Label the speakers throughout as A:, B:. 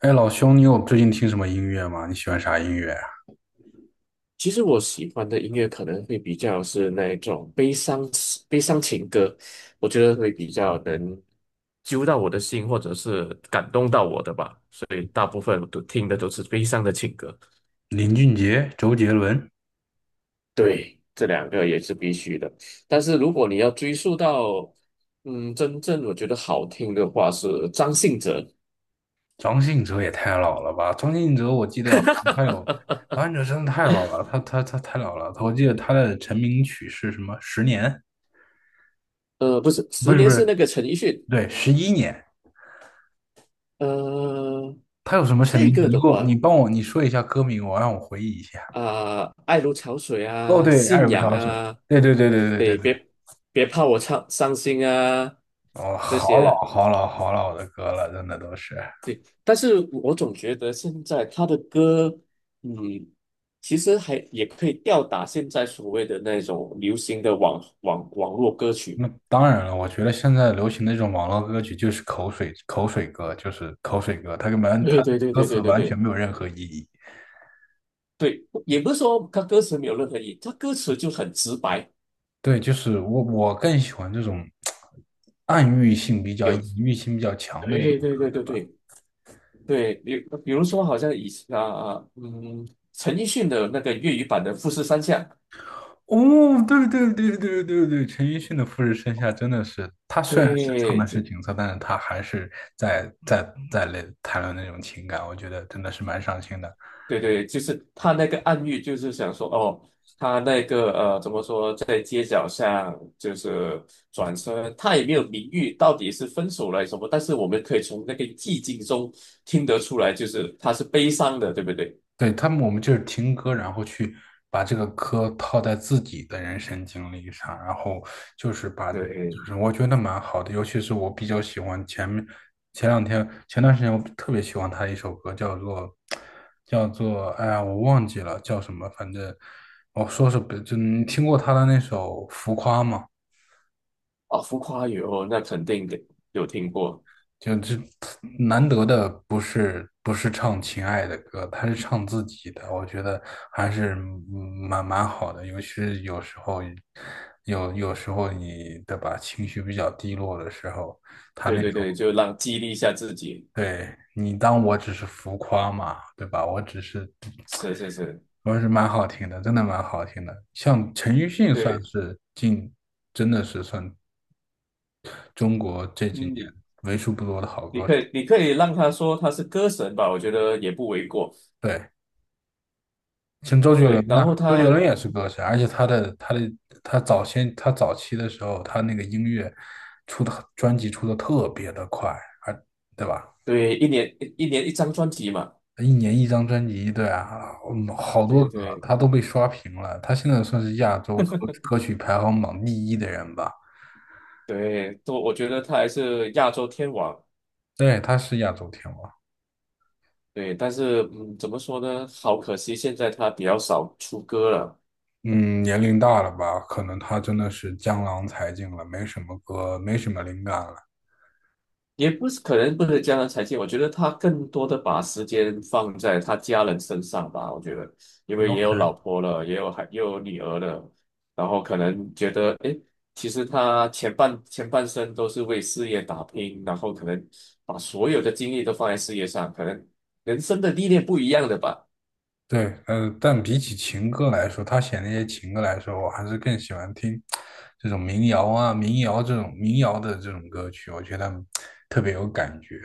A: 哎，老兄，你有最近听什么音乐吗？你喜欢啥音乐啊？
B: 其实我喜欢的音乐可能会比较是那一种悲伤情歌，我觉得会比较能揪到我的心，或者是感动到我的吧。所以大部分我都听的都是悲伤的情歌。
A: 林俊杰、周杰伦、
B: 对，这两个也是必须的。但是如果你要追溯到，真正我觉得好听的话是张信哲。
A: 张信哲也太老了吧！张信哲我记得好像他有，张信哲真的太老了，他太老了。我记得他的成名曲是什么？十年？
B: 不是，
A: 不
B: 十
A: 是不
B: 年是那
A: 是，
B: 个陈奕迅。
A: 对，十一年。
B: 呃，
A: 他有什么成
B: 这
A: 名曲？
B: 个
A: 你
B: 的
A: 给我，你
B: 话。
A: 帮我，你说一下歌名，我让我回忆一下。
B: 啊、爱如潮水
A: 哦，
B: 啊，
A: 对，《爱
B: 信
A: 如
B: 仰
A: 潮水》。
B: 啊，
A: 对对对对对对
B: 对，
A: 对。
B: 别怕我伤心啊，
A: 哦，
B: 这
A: 好
B: 些
A: 老
B: 的，
A: 好老好老的歌了，真的都是。
B: 对。但是我总觉得现在他的歌，嗯，其实还也可以吊打现在所谓的那种流行的网络歌曲。
A: 那当然了，我觉得现在流行的这种网络歌曲就是口水歌，就是口水歌，它根本它
B: 对
A: 的
B: 对对
A: 歌
B: 对
A: 词
B: 对对
A: 完全
B: 对
A: 没有任何意义。
B: 对，也不是说他歌词没有任何意义，他歌词就很直白，
A: 对，就是我更喜欢这种暗喻性比较、隐
B: 有，
A: 喻性比较强的这
B: 对
A: 种
B: 对
A: 歌，
B: 对
A: 对
B: 对
A: 吧？
B: 对。对，比如说，好像以前啊，陈奕迅的那个粤语版的《富士山下》，
A: 哦，对对对对对对，陈奕迅的《富士山下》真的是，他虽然是唱
B: 对，
A: 的是
B: 就
A: 景色，但是他还是在类谈论那种情感，我觉得真的是蛮伤心的。
B: 对对，就是他那个暗喻，就是想说，哦，他那个怎么说，在街角上就是转身，他也没有明喻到底是分手了还是什么，但是我们可以从那个寂静中听得出来，就是他是悲伤的，对不对？
A: 对，他们，我们就是听歌，然后去把这个歌套在自己的人生经历上，然后就是把，就
B: 对，
A: 是我觉得蛮好的，尤其是我比较喜欢前面前两天前段时间我特别喜欢他的一首歌，叫做叫做哎呀我忘记了叫什么，反正我说是不就你听过他的那首《浮夸》吗？
B: 啊，浮夸语哦，那肯定的，有听过，
A: 就这难得的不是唱情爱的歌，他是唱自己的，我觉得还是蛮好的。尤其是有时候，有时候你对吧，情绪比较低落的时候，他
B: 对
A: 那
B: 对
A: 种
B: 对，就让激励一下自己，
A: 对你当我只是浮夸嘛，对吧？我只是，
B: 是是是。
A: 我是蛮好听的，真的蛮好听的。像陈奕迅算
B: 对，
A: 是近，真的是算中国这几
B: 嗯，
A: 年
B: 你
A: 为数不多的好
B: 你
A: 歌手。
B: 可以，你可以让他说他是歌神吧，我觉得也不为过。
A: 对。像周杰伦
B: 对，
A: 呐、
B: 然后
A: 周杰伦
B: 他
A: 也是歌手，而且他的他早先他早期的时候，他那个音乐出的专辑出的特别的快，而对吧？
B: 对一年一张专辑嘛，
A: 一年一张专辑，对啊，嗯，好多
B: 对
A: 歌
B: 对
A: 他都被刷屏了。他现在算是亚洲歌歌曲排行榜第一的人吧？
B: 对，都我觉得他还是亚洲天王。
A: 对，他是亚洲天王。
B: 对，但是嗯，怎么说呢？好可惜，现在他比较少出歌了。
A: 嗯，年龄大了吧，可能他真的是江郎才尽了，没什么歌，没什么灵感了。
B: 也不是可能不是江人才见，我觉得他更多的把时间放在他家人身上吧。我觉得，因为也有老
A: OK。
B: 婆了，也有孩，也有女儿了，然后可能觉得，诶，其实他前半生都是为事业打拼，然后可能把所有的精力都放在事业上，可能人生的历练不一样的吧。
A: 对，但比起情歌来说，他写那些情歌来说，我还是更喜欢听这种民谣啊、民谣这种民谣的这种歌曲，我觉得特别有感觉。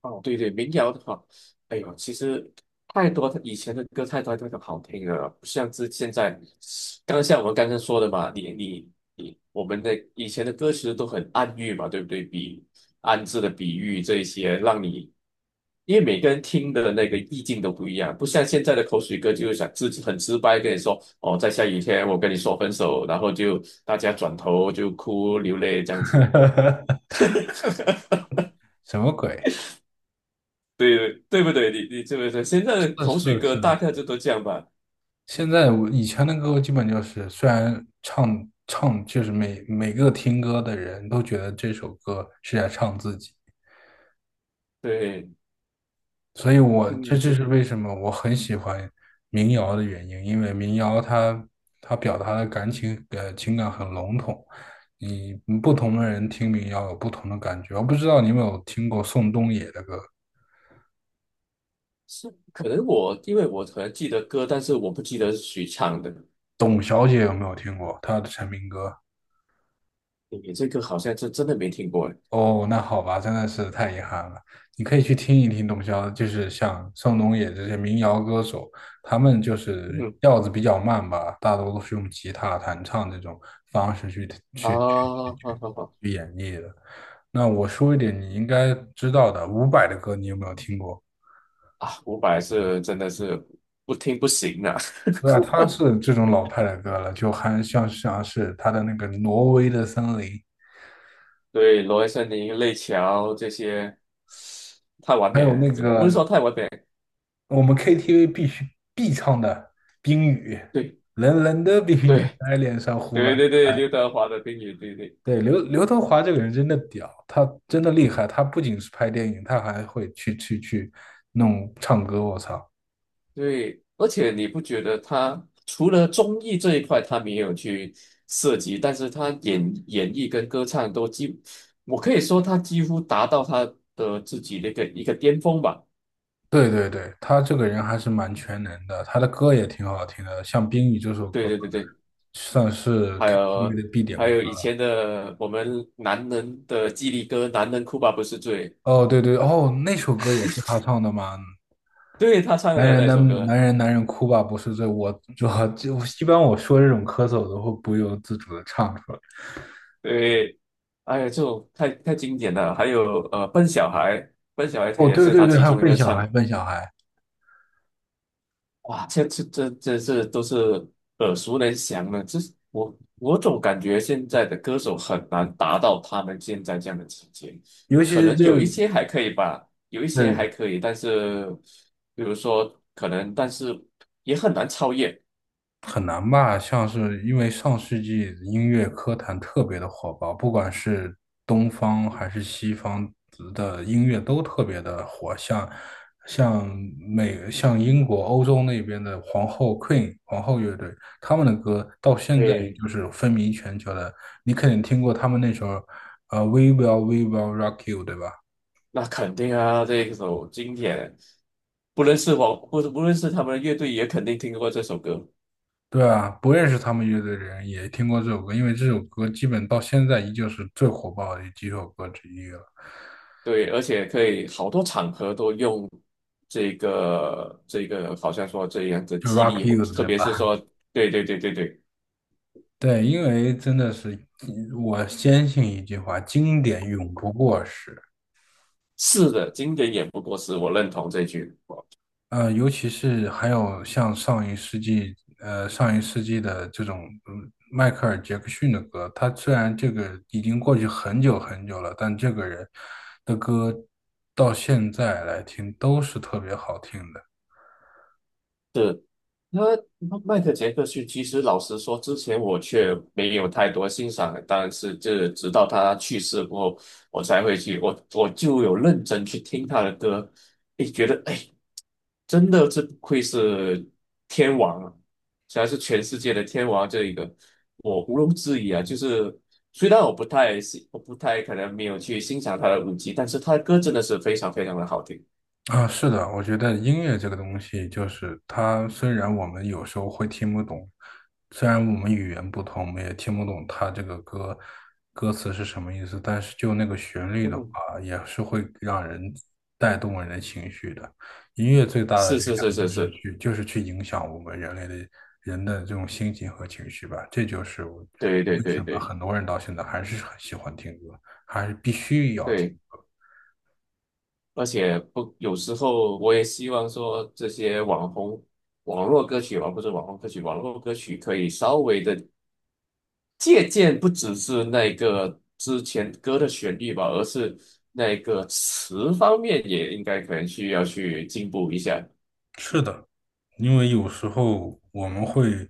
B: 哦，对对，民谣的话，哎呦，其实太多以前的歌太多好听了，不像之现在。刚像我们刚刚说的嘛，你你你，我们的以前的歌词都很暗喻嘛，对不对？比暗字的比喻这一些，让你因为每个人听的那个意境都不一样，不像现在的口水歌，就是想自己很直白跟你说，哦，在下雨天我跟你说分手，然后就大家转头就哭流泪这样子。
A: 什么鬼？
B: 对对不对？你你这么说，现在的
A: 是
B: 口水
A: 是
B: 歌
A: 是，
B: 大概就都这样吧。
A: 现在我以前的歌基本就是，虽然唱唱就是每个听歌的人都觉得这首歌是在唱自己，
B: 对，
A: 所以我这
B: 嗯，
A: 就
B: 这
A: 是为什么我很喜欢民谣的原因，因为民谣它表达的感情情感很笼统，你不同的人听民谣有不同的感觉。我不知道你有没有听过宋冬野的歌，
B: 是可能我因为我可能记得歌，但是我不记得是谁唱的。
A: 董小姐有没有听过她的成名歌？
B: 你这个好像是真的没听过哎。
A: 哦，那好吧，真的是太遗憾了。你可以去听一听董潇，就是像宋冬野这些民谣歌手，他们就是
B: 嗯。
A: 调子比较慢吧，大多都是用吉他弹唱这种方式去
B: 啊，
A: 去去。
B: 好
A: 去
B: 好好。
A: 那我说一点你应该知道的，伍佰的歌你有没有听过？
B: 啊，伍佰是真的是不听不行啊。
A: 对啊，他 是这种老派的歌了，就还像是他的那个《挪威的森林》，
B: 对，罗文森林、泪桥这些太完
A: 还
B: 美
A: 有
B: 了，
A: 那
B: 我不是
A: 个
B: 说太完美，
A: 我们 KTV 必唱的《冰雨》，
B: 对
A: 冷冷的冰雨
B: 对
A: 在脸上胡
B: 对
A: 乱。
B: 对对，刘德华的《冰雨》，对对。
A: 对，刘德华这个人真的屌，他真的厉害，他不仅是拍电影，他还会去弄唱歌，我操！
B: 对，而且你不觉得他除了综艺这一块他没有去涉及，但是他演演绎跟歌唱都几，我可以说他几乎达到他的自己的一个巅峰吧。
A: 对对对，他这个人还是蛮全能的，他的歌也挺好听的，像《冰雨》这首
B: 对
A: 歌，
B: 对对对，
A: 算是
B: 还有
A: KTV 的必点
B: 还
A: 歌
B: 有以
A: 了。
B: 前的我们男人的激励歌《男人哭吧不是罪》，
A: 哦，对对，哦，那首歌也是他唱的吗？
B: 对他唱
A: 男
B: 的
A: 人
B: 那首歌，
A: 男人哭吧，不是罪。我一般我说这种咳嗽，我都会不由自主的唱出来。
B: 对，哎呀，这种太经典了。还有笨小孩，笨小孩
A: 哦，
B: 也
A: 对
B: 是
A: 对
B: 他
A: 对，
B: 其
A: 还有
B: 中一个唱。
A: 笨小孩，
B: 哇，这是都是耳熟能详的。这是我我总感觉现在的歌手很难达到他们现在这样的境界，
A: 尤其
B: 可
A: 是
B: 能
A: 这，
B: 有一些还可以吧，有一些还
A: 对
B: 可以，但是比如说可能，但是也很难超越。
A: 很难吧？像是因为上世纪音乐科坛特别的火爆，不管是东方还是西方的音乐都特别的火，像像英国欧洲那边的皇后 Queen 皇后乐队，他们的歌到现在
B: 对，
A: 就是风靡全球的。你肯定听过他们那首"We Will Rock You" 对吧？
B: 那肯定啊，这一首经典，不论是我，不论是他们的乐队，也肯定听过这首歌。
A: 对啊，不认识他们乐队的人也听过这首歌，因为这首歌基本到现在依旧是最火爆的几首歌之一了。
B: 对，而且可以好多场合都用这个，好像说这样的
A: 就
B: 激
A: Rock
B: 励我，
A: You 的，
B: 特
A: 对
B: 别是
A: 吧？
B: 说，对对对对对，
A: 对，因为真的是，我坚信一句话，经典永不过时。
B: 是的，经典也不过时，我认同这句。
A: 尤其是还有像上一世纪，上一世纪的这种迈克尔·杰克逊的歌，他虽然这个已经过去很久很久了，但这个人的歌到现在来听都是特别好听的。
B: 那迈克杰克逊，其实老实说，之前我却没有太多欣赏，但是这直到他去世过后，我才会去，我我就有认真去听他的歌，诶，觉得诶真的，这不愧是天王啊！虽然是全世界的天王，这一个我毋庸置疑啊。就是虽然我不太喜，我不太可能没有去欣赏他的舞技，但是他的歌真的是非常非常的好听。
A: 啊，是的，我觉得音乐这个东西，就是它虽然我们有时候会听不懂，虽然我们语言不通，我们也听不懂它这个歌歌词是什么意思，但是就那个旋律
B: 嗯
A: 的话，
B: 哼，
A: 也是会让人带动人的情绪的。音乐最大的
B: 是
A: 力
B: 是是
A: 量就
B: 是
A: 是
B: 是，
A: 就是去影响我们人类的人的这种心情和情绪吧。这就是我
B: 对对
A: 为
B: 对
A: 什么
B: 对
A: 很多人到现在还是很喜欢听歌，还是必须要听
B: 对，
A: 歌。
B: 而且不，有时候我也希望说这些网红网络歌曲啊，不是网红歌曲，网络歌曲可以稍微的借鉴不只是那个之前歌的旋律吧，而是那个词方面也应该可能需要去进步一下。
A: 是的，因为有时候我们会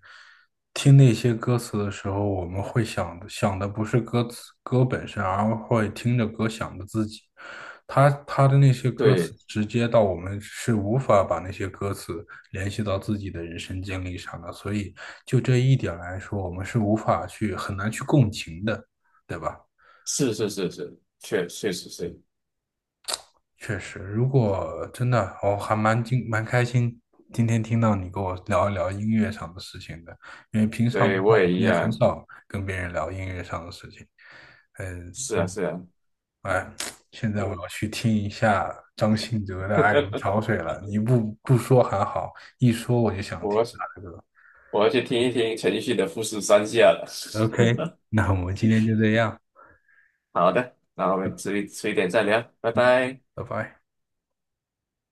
A: 听那些歌词的时候，我们会想的不是歌本身，而会听着歌想着自己。他的那些歌词
B: 对，
A: 直接到我们是无法把那些歌词联系到自己的人生经历上的，所以就这一点来说，我们是无法去很难去共情的，对吧？
B: 是是是是，确确实是，
A: 确实，如
B: 嗯，
A: 果真的，我还蛮开心，今天听到你跟我聊一聊音乐上的事情的，因为平常的
B: 对
A: 话，
B: 我也一
A: 我也很
B: 样，
A: 少跟别人聊音乐上的事情。嗯，
B: 是
A: 懂，
B: 啊是啊，
A: 哎，现在我
B: 嗯，
A: 要去听一下张信哲的《爱如潮 水》了。你不说还好，一说我就想听
B: 我
A: 他的歌。
B: 我要去听一听陈奕迅的《富士山下》了。
A: OK，那我们今天就这样，
B: 好的，那我们迟一点再聊，拜
A: 嗯，
B: 拜。
A: 拜拜。